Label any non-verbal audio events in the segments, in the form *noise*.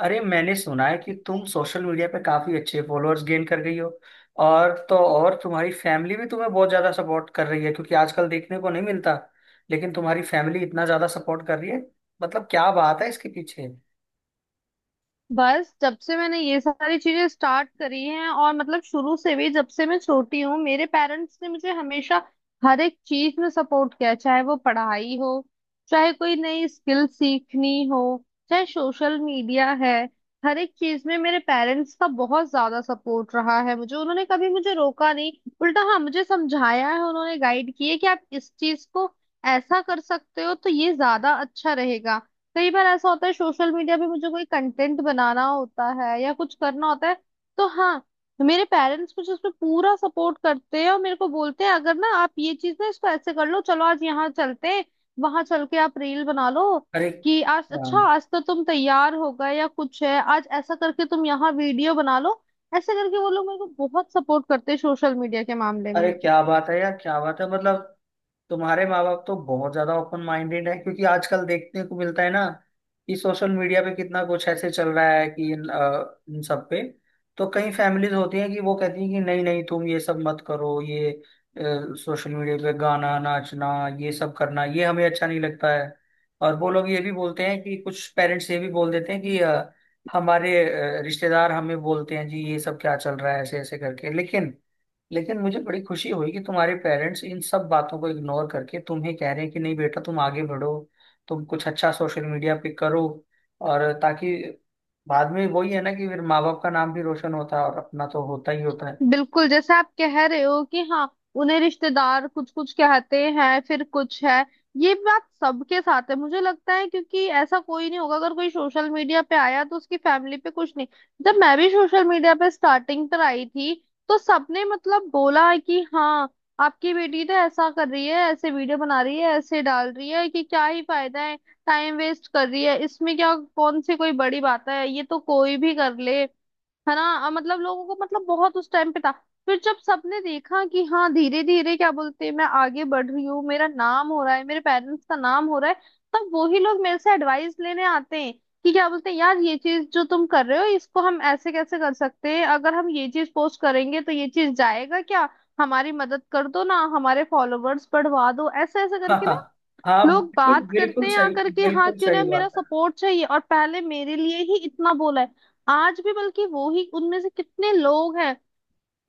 अरे, मैंने सुना है कि तुम सोशल मीडिया पे काफी अच्छे फॉलोअर्स गेन कर गई हो। और तो और, तुम्हारी फैमिली भी तुम्हें बहुत ज्यादा सपोर्ट कर रही है, क्योंकि आजकल देखने को नहीं मिलता, लेकिन तुम्हारी फैमिली इतना ज्यादा सपोर्ट कर रही है। मतलब क्या बात है इसके पीछे। बस जब से मैंने ये सारी चीजें स्टार्ट करी हैं और मतलब शुरू से भी जब से मैं छोटी हूँ, मेरे पेरेंट्स ने मुझे हमेशा हर एक चीज में सपोर्ट किया। चाहे वो पढ़ाई हो, चाहे कोई नई स्किल सीखनी हो, चाहे सोशल मीडिया है, हर एक चीज में मेरे पेरेंट्स का बहुत ज्यादा सपोर्ट रहा है। मुझे उन्होंने कभी मुझे रोका नहीं। उल्टा हाँ, मुझे समझाया है उन्होंने, गाइड किए कि आप इस चीज को ऐसा कर सकते हो तो ये ज्यादा अच्छा रहेगा। कई बार ऐसा होता है सोशल मीडिया पे मुझे कोई कंटेंट बनाना होता है या कुछ करना होता है, तो हाँ, मेरे पेरेंट्स मुझे उसमें पूरा सपोर्ट करते हैं और मेरे को बोलते हैं, अगर ना आप ये चीज ना इसको ऐसे कर लो, चलो आज यहाँ चलते हैं, वहां चल के आप रील बना लो। अरे कि आज हाँ। अच्छा, आज तो तुम तैयार हो गए या कुछ है, आज ऐसा करके तुम यहाँ वीडियो बना लो। ऐसे करके वो लोग मेरे को बहुत सपोर्ट करते हैं सोशल मीडिया के मामले अरे में। क्या बात है यार, क्या बात है मतलब। तुम्हारे माँ बाप तो बहुत ज्यादा ओपन माइंडेड है, क्योंकि आजकल देखने को मिलता है ना कि सोशल मीडिया पे कितना कुछ ऐसे चल रहा है कि इन सब पे तो कई फैमिलीज होती हैं कि वो कहती हैं कि नहीं नहीं, तुम ये सब मत करो, ये सोशल मीडिया पे गाना नाचना, ये सब करना ये हमें अच्छा नहीं लगता है। और वो लोग ये भी बोलते हैं कि कुछ पेरेंट्स ये भी बोल देते हैं कि हमारे रिश्तेदार हमें बोलते हैं, जी ये सब क्या चल रहा है, ऐसे ऐसे करके। लेकिन लेकिन मुझे बड़ी खुशी हुई कि तुम्हारे पेरेंट्स इन सब बातों को इग्नोर करके तुम्हें कह रहे हैं कि नहीं बेटा, तुम आगे बढ़ो, तुम कुछ अच्छा सोशल मीडिया पे करो। और ताकि बाद में वही है ना कि फिर माँ बाप का नाम भी रोशन होता है और अपना तो होता ही होता है। बिल्कुल जैसे आप कह रहे हो कि हाँ, उन्हें रिश्तेदार कुछ कुछ कहते हैं, फिर कुछ है। ये बात सबके साथ है मुझे लगता है, क्योंकि ऐसा कोई नहीं होगा, अगर कोई सोशल मीडिया पे आया तो उसकी फैमिली पे कुछ नहीं। जब मैं भी सोशल मीडिया पे स्टार्टिंग पर आई थी, तो सबने मतलब बोला है कि हाँ, आपकी बेटी तो ऐसा कर रही है, ऐसे वीडियो बना रही है, ऐसे डाल रही है, कि क्या ही फायदा है, टाइम वेस्ट कर रही है, इसमें क्या, कौन सी कोई बड़ी बात है, ये तो कोई भी कर ले। है ना, मतलब लोगों को मतलब बहुत उस टाइम पे था। फिर जब सबने देखा कि हाँ, धीरे धीरे क्या बोलते हैं, मैं आगे बढ़ रही हूँ, मेरा नाम हो रहा है, मेरे पेरेंट्स का नाम हो रहा है, तब वही लोग मेरे से एडवाइस लेने आते हैं कि क्या बोलते हैं यार, ये चीज जो तुम कर रहे हो इसको हम ऐसे कैसे कर सकते हैं, अगर हम ये चीज पोस्ट करेंगे तो ये चीज जाएगा क्या, हमारी मदद कर दो ना, हमारे फॉलोवर्स बढ़वा दो, ऐसे ऐसे *laughs* हाँ करके हाँ। ना हाँ लोग बिल्कुल बात बिल्कुल करते हैं सही। आकर के। हाँ, बिल्कुल क्यों ना, सही मेरा बात है। सपोर्ट चाहिए और पहले मेरे लिए ही इतना बोला है। आज भी बल्कि वो ही उनमें से कितने लोग हैं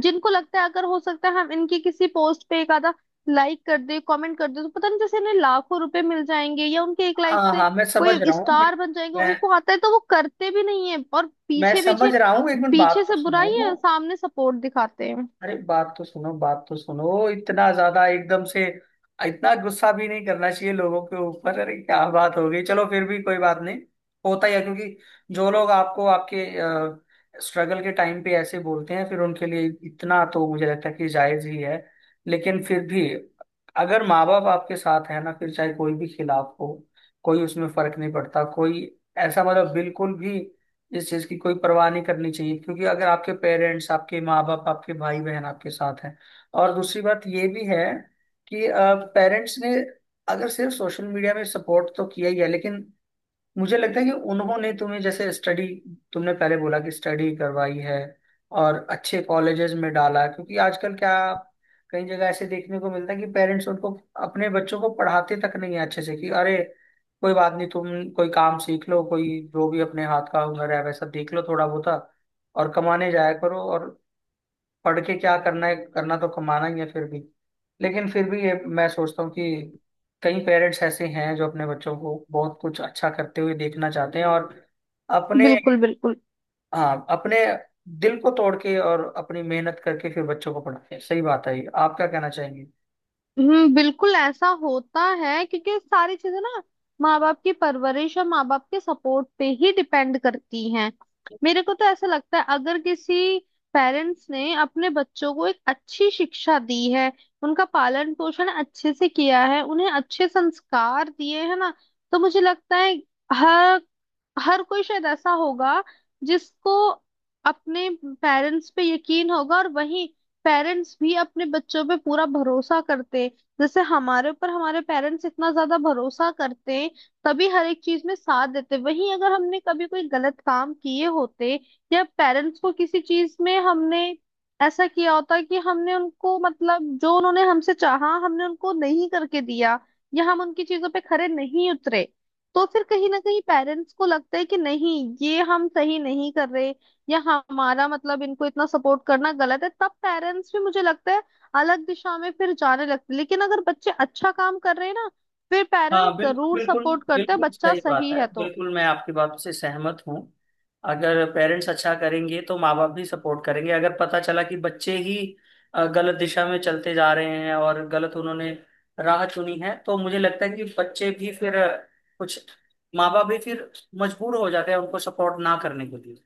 जिनको लगता है अगर हो सकता है हम इनकी किसी पोस्ट पे एक आधा लाइक कर दे, कमेंट कर दे, तो पता नहीं जैसे इन्हें लाखों रुपए मिल जाएंगे या उनके एक लाइक हाँ से हाँ, मैं समझ कोई रहा हूँ। स्टार बन जाएंगे। मैं उनको आता है तो वो करते भी नहीं है और मैं पीछे समझ पीछे, रहा हूँ, एक मिनट पीछे बात तो से बुराई सुनो। है, सामने सपोर्ट दिखाते हैं। अरे बात तो सुनो, बात तो सुनो। इतना ज्यादा एकदम से इतना गुस्सा भी नहीं करना चाहिए लोगों के ऊपर। अरे क्या बात हो गई, चलो फिर भी कोई बात नहीं, होता ही है। क्योंकि जो लोग आपको आपके स्ट्रगल के टाइम पे ऐसे बोलते हैं, फिर उनके लिए इतना तो मुझे लगता है कि जायज ही है। लेकिन फिर भी अगर माँ बाप आपके साथ है ना, फिर चाहे कोई भी खिलाफ हो, कोई उसमें फर्क नहीं पड़ता। कोई ऐसा मतलब बिल्कुल भी इस चीज की कोई परवाह नहीं करनी चाहिए, क्योंकि अगर आपके पेरेंट्स, आपके माँ बाप, आपके भाई बहन आपके साथ हैं। और दूसरी बात ये भी है कि पेरेंट्स ने अगर सिर्फ सोशल मीडिया में सपोर्ट तो किया ही है, लेकिन मुझे लगता है कि उन्होंने तुम्हें जैसे स्टडी, तुमने पहले बोला कि स्टडी करवाई है और अच्छे कॉलेजेस में डाला। क्योंकि आजकल क्या, कई जगह ऐसे देखने को मिलता है कि पेरेंट्स उनको, अपने बच्चों को पढ़ाते तक नहीं है अच्छे से। कि अरे कोई बात नहीं, तुम कोई काम सीख लो, कोई जो भी अपने हाथ का हुनर है वैसा देख लो थोड़ा बहुत, और कमाने जाया करो, और पढ़ के क्या करना है, करना तो कमाना ही है फिर भी। लेकिन फिर भी ये मैं सोचता हूँ कि कई पेरेंट्स ऐसे हैं जो अपने बच्चों को बहुत कुछ अच्छा करते हुए देखना चाहते हैं, और अपने, बिल्कुल, बिल्कुल। हाँ, अपने दिल को तोड़ के और अपनी मेहनत करके फिर बच्चों को पढ़ाते हैं। सही बात है ये। आप क्या कहना चाहेंगे। हम्म, बिल्कुल ऐसा होता है क्योंकि सारी चीजें ना माँ बाप की परवरिश और माँ बाप के सपोर्ट पे ही डिपेंड करती हैं। मेरे को तो ऐसा लगता है अगर किसी पेरेंट्स ने अपने बच्चों को एक अच्छी शिक्षा दी है, उनका पालन पोषण अच्छे से किया है, उन्हें अच्छे संस्कार दिए है ना, तो मुझे लगता है हर हर कोई शायद ऐसा होगा जिसको अपने पेरेंट्स पे यकीन होगा, और वही पेरेंट्स भी अपने बच्चों पे पूरा भरोसा करते हैं। जैसे हमारे ऊपर हमारे पेरेंट्स इतना ज्यादा भरोसा करते हैं तभी हर एक चीज में साथ देते हैं। वहीं अगर हमने कभी कोई गलत काम किए होते या पेरेंट्स को किसी चीज में हमने ऐसा किया होता कि हमने उनको मतलब जो उन्होंने हमसे चाहा हमने उनको नहीं करके दिया, या हम उनकी चीजों पे खरे नहीं उतरे, तो फिर कहीं ना कहीं पेरेंट्स को लगता है कि नहीं, ये हम सही नहीं कर रहे, या हमारा मतलब इनको इतना सपोर्ट करना गलत है, तब पेरेंट्स भी मुझे लगता है अलग दिशा में फिर जाने लगते हैं। लेकिन अगर बच्चे अच्छा काम कर रहे हैं ना, फिर हाँ पेरेंट्स बिल्कुल जरूर बिल्कुल, सपोर्ट करते हैं, बिल्कुल बच्चा सही बात सही है। है तो। बिल्कुल मैं आपकी बात से सहमत हूँ। अगर पेरेंट्स अच्छा करेंगे तो माँ बाप भी सपोर्ट करेंगे। अगर पता चला कि बच्चे ही गलत दिशा में चलते जा रहे हैं और गलत उन्होंने राह चुनी है, तो मुझे लगता है कि बच्चे भी फिर, कुछ माँ बाप भी फिर मजबूर हो जाते हैं उनको सपोर्ट ना करने के लिए।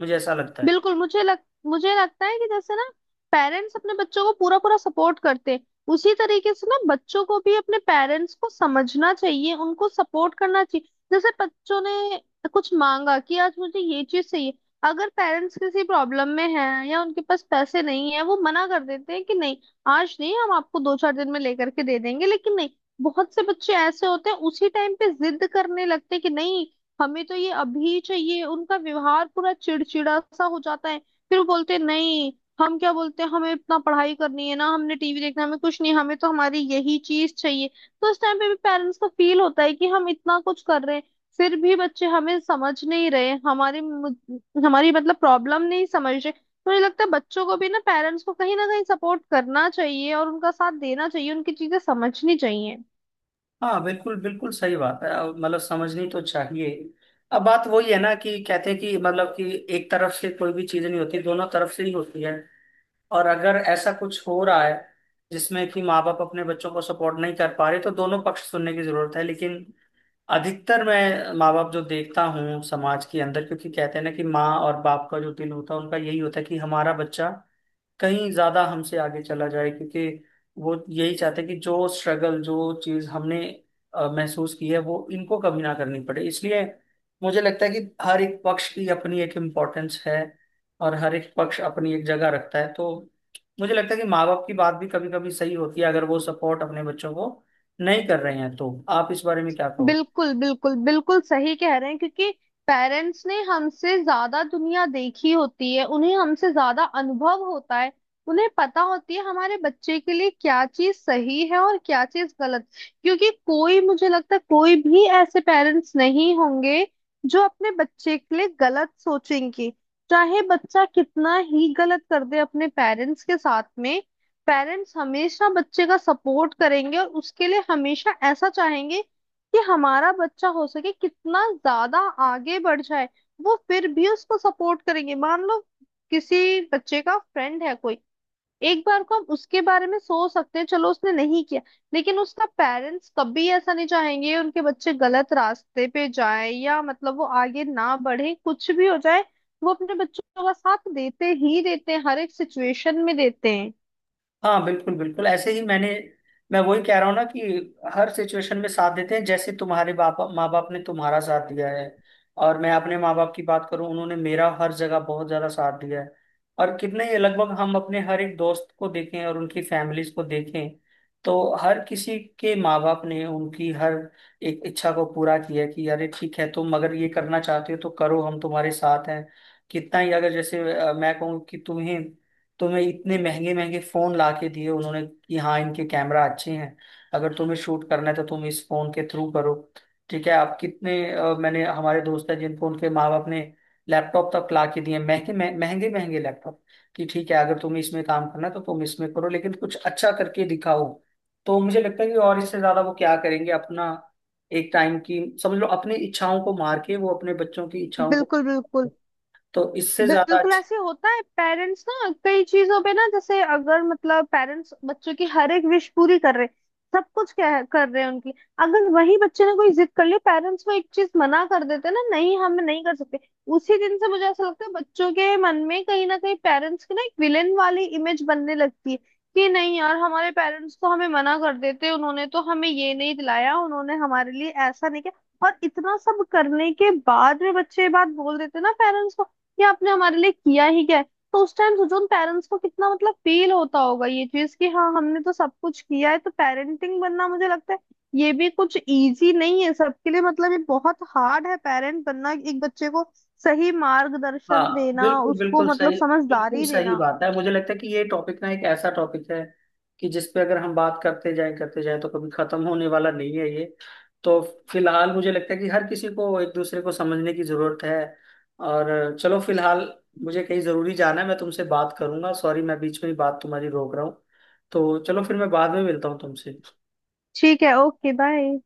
मुझे ऐसा लगता है। बिल्कुल मुझे लग मुझे लगता है कि जैसे ना पेरेंट्स अपने बच्चों को पूरा पूरा सपोर्ट करते हैं, उसी तरीके से ना बच्चों को भी अपने पेरेंट्स को समझना चाहिए, उनको सपोर्ट करना चाहिए। जैसे बच्चों ने कुछ मांगा कि आज मुझे ये चीज चाहिए, अगर पेरेंट्स किसी प्रॉब्लम में हैं या उनके पास पैसे नहीं है, वो मना कर देते हैं कि नहीं, आज नहीं, हम आपको दो चार दिन में लेकर के दे देंगे, लेकिन नहीं, बहुत से बच्चे ऐसे होते हैं उसी टाइम पे जिद करने लगते हैं कि नहीं, हमें तो ये अभी चाहिए। उनका व्यवहार पूरा चिड़चिड़ा सा हो जाता है, फिर वो बोलते हैं, नहीं, हम क्या बोलते हैं, हमें इतना पढ़ाई करनी है ना, हमने टीवी देखना है, हमें कुछ नहीं, हमें तो हमारी यही चीज चाहिए। तो उस टाइम पे भी पेरेंट्स को फील होता है कि हम इतना कुछ कर रहे हैं, फिर भी बच्चे हमें समझ नहीं रहे, हमारी मतलब प्रॉब्लम नहीं समझ रहे। तो मुझे लगता है बच्चों को भी ना पेरेंट्स को कहीं ना कहीं सपोर्ट करना चाहिए और उनका साथ देना चाहिए, उनकी चीजें समझनी चाहिए। हाँ बिल्कुल बिल्कुल सही बात है। अब मतलब समझनी तो चाहिए। अब बात वही है ना कि कहते हैं कि मतलब कि एक तरफ से कोई भी चीज नहीं होती, दोनों तरफ से ही होती है। और अगर ऐसा कुछ हो रहा है जिसमें कि माँ बाप अपने बच्चों को सपोर्ट नहीं कर पा रहे, तो दोनों पक्ष सुनने की जरूरत है। लेकिन अधिकतर मैं माँ बाप जो देखता हूँ समाज के अंदर, क्योंकि कहते हैं ना कि माँ और बाप का जो दिल होता है, उनका यही होता है कि हमारा बच्चा कहीं ज्यादा हमसे आगे चला जाए। क्योंकि वो यही चाहते हैं कि जो स्ट्रगल, जो चीज हमने महसूस की है, वो इनको कभी ना करनी पड़े। इसलिए मुझे लगता है कि हर एक पक्ष की अपनी एक इम्पोर्टेंस है, और हर एक पक्ष अपनी एक जगह रखता है। तो मुझे लगता है कि माँ बाप की बात भी कभी कभी सही होती है। अगर वो सपोर्ट अपने बच्चों को नहीं कर रहे हैं, तो आप इस बारे में क्या कहो। बिल्कुल, बिल्कुल, बिल्कुल सही कह रहे हैं, क्योंकि पेरेंट्स ने हमसे ज्यादा दुनिया देखी होती है, उन्हें हमसे ज्यादा अनुभव होता है, उन्हें पता होती है हमारे बच्चे के लिए क्या चीज सही है और क्या चीज गलत। क्योंकि कोई, मुझे लगता है कोई भी ऐसे पेरेंट्स नहीं होंगे जो अपने बच्चे के लिए गलत सोचेंगे। चाहे बच्चा कितना ही गलत कर दे अपने पेरेंट्स के साथ में, पेरेंट्स हमेशा बच्चे का सपोर्ट करेंगे और उसके लिए हमेशा ऐसा चाहेंगे कि हमारा बच्चा हो सके कितना ज्यादा आगे बढ़ जाए। वो फिर भी उसको सपोर्ट करेंगे। मान लो किसी बच्चे का फ्रेंड है कोई, एक बार को हम उसके बारे में सोच सकते हैं, चलो उसने नहीं किया, लेकिन उसका पेरेंट्स कभी ऐसा नहीं चाहेंगे उनके बच्चे गलत रास्ते पे जाए या मतलब वो आगे ना बढ़े। कुछ भी हो जाए, वो अपने बच्चों का साथ देते ही देते हैं, हर एक सिचुएशन में देते हैं। हाँ बिल्कुल बिल्कुल, ऐसे ही मैं वही कह रहा हूँ ना कि हर सिचुएशन में साथ देते हैं। जैसे तुम्हारे बाप माँ बाप ने तुम्हारा साथ दिया है, और मैं अपने माँ बाप की बात करूँ, उन्होंने मेरा हर जगह बहुत ज्यादा साथ दिया है। और कितने ही लगभग हम अपने हर एक दोस्त को देखें और उनकी फैमिलीज को देखें, तो हर किसी के माँ बाप ने उनकी हर एक इच्छा को पूरा किया कि अरे ठीक है, तुम अगर ये करना चाहते हो तो करो, हम तुम्हारे साथ हैं। कितना ही, अगर जैसे मैं कहूँ कि तुम्हें तुम्हें इतने महंगे महंगे फोन ला के दिए उन्होंने, कि हाँ इनके कैमरा अच्छे हैं, अगर तुम्हें शूट करना है तो तुम इस फोन के थ्रू करो। ठीक है, आप कितने, मैंने, हमारे दोस्त हैं जिनको उनके माँ बाप ने लैपटॉप तक ला के दिए, महंगे महंगे महंगे लैपटॉप, कि ठीक है, अगर तुम्हें इसमें काम करना है तो तुम इसमें करो, लेकिन कुछ अच्छा करके दिखाओ। तो मुझे लगता है कि और इससे ज्यादा वो क्या करेंगे, अपना एक टाइम की समझ लो, अपनी इच्छाओं को मार के वो अपने बच्चों की इच्छाओं को, बिल्कुल, बिल्कुल। तो इससे ज्यादा बिल्कुल अच्छी। ऐसे होता है पेरेंट्स ना कई चीजों पे ना, जैसे अगर मतलब पेरेंट्स बच्चों की हर एक विश पूरी कर रहे हैं, सब कुछ कर रहे हैं उनकी, अगर वही बच्चे ने कोई जिद कर ली, पेरेंट्स वो एक चीज मना कर देते हैं ना, नहीं हम नहीं कर सकते, उसी दिन से मुझे ऐसा लगता है बच्चों के मन में कहीं ना कहीं पेरेंट्स की ना एक विलेन वाली इमेज बनने लगती है कि नहीं यार, हमारे पेरेंट्स तो हमें मना कर देते, उन्होंने तो हमें ये नहीं दिलाया, उन्होंने हमारे लिए ऐसा नहीं किया। और इतना सब करने के बाद में बच्चे ये बात बोल देते हैं ना पेरेंट्स को, ये आपने हमारे लिए किया ही क्या है। तो उस टाइम सोचो उन पेरेंट्स को कितना मतलब फील होता होगा ये चीज कि हाँ, हमने तो सब कुछ किया है। तो पेरेंटिंग बनना, मुझे लगता है ये भी कुछ इजी नहीं है सबके लिए, मतलब ये बहुत हार्ड है पेरेंट बनना, एक बच्चे को सही मार्गदर्शन हाँ देना, बिल्कुल उसको बिल्कुल मतलब सही, बिल्कुल समझदारी सही देना। बात है। मुझे लगता है कि ये टॉपिक ना एक ऐसा टॉपिक है कि जिस पे अगर हम बात करते जाएं करते जाएं, तो कभी खत्म होने वाला नहीं है ये। तो फिलहाल मुझे लगता है कि हर किसी को एक दूसरे को समझने की जरूरत है। और चलो फिलहाल, मुझे कहीं जरूरी जाना है, मैं तुमसे बात करूंगा। सॉरी, मैं बीच में ही बात तुम्हारी रोक रहा हूँ। तो चलो फिर मैं बाद में मिलता हूँ तुमसे। ठीक है, ओके, बाय।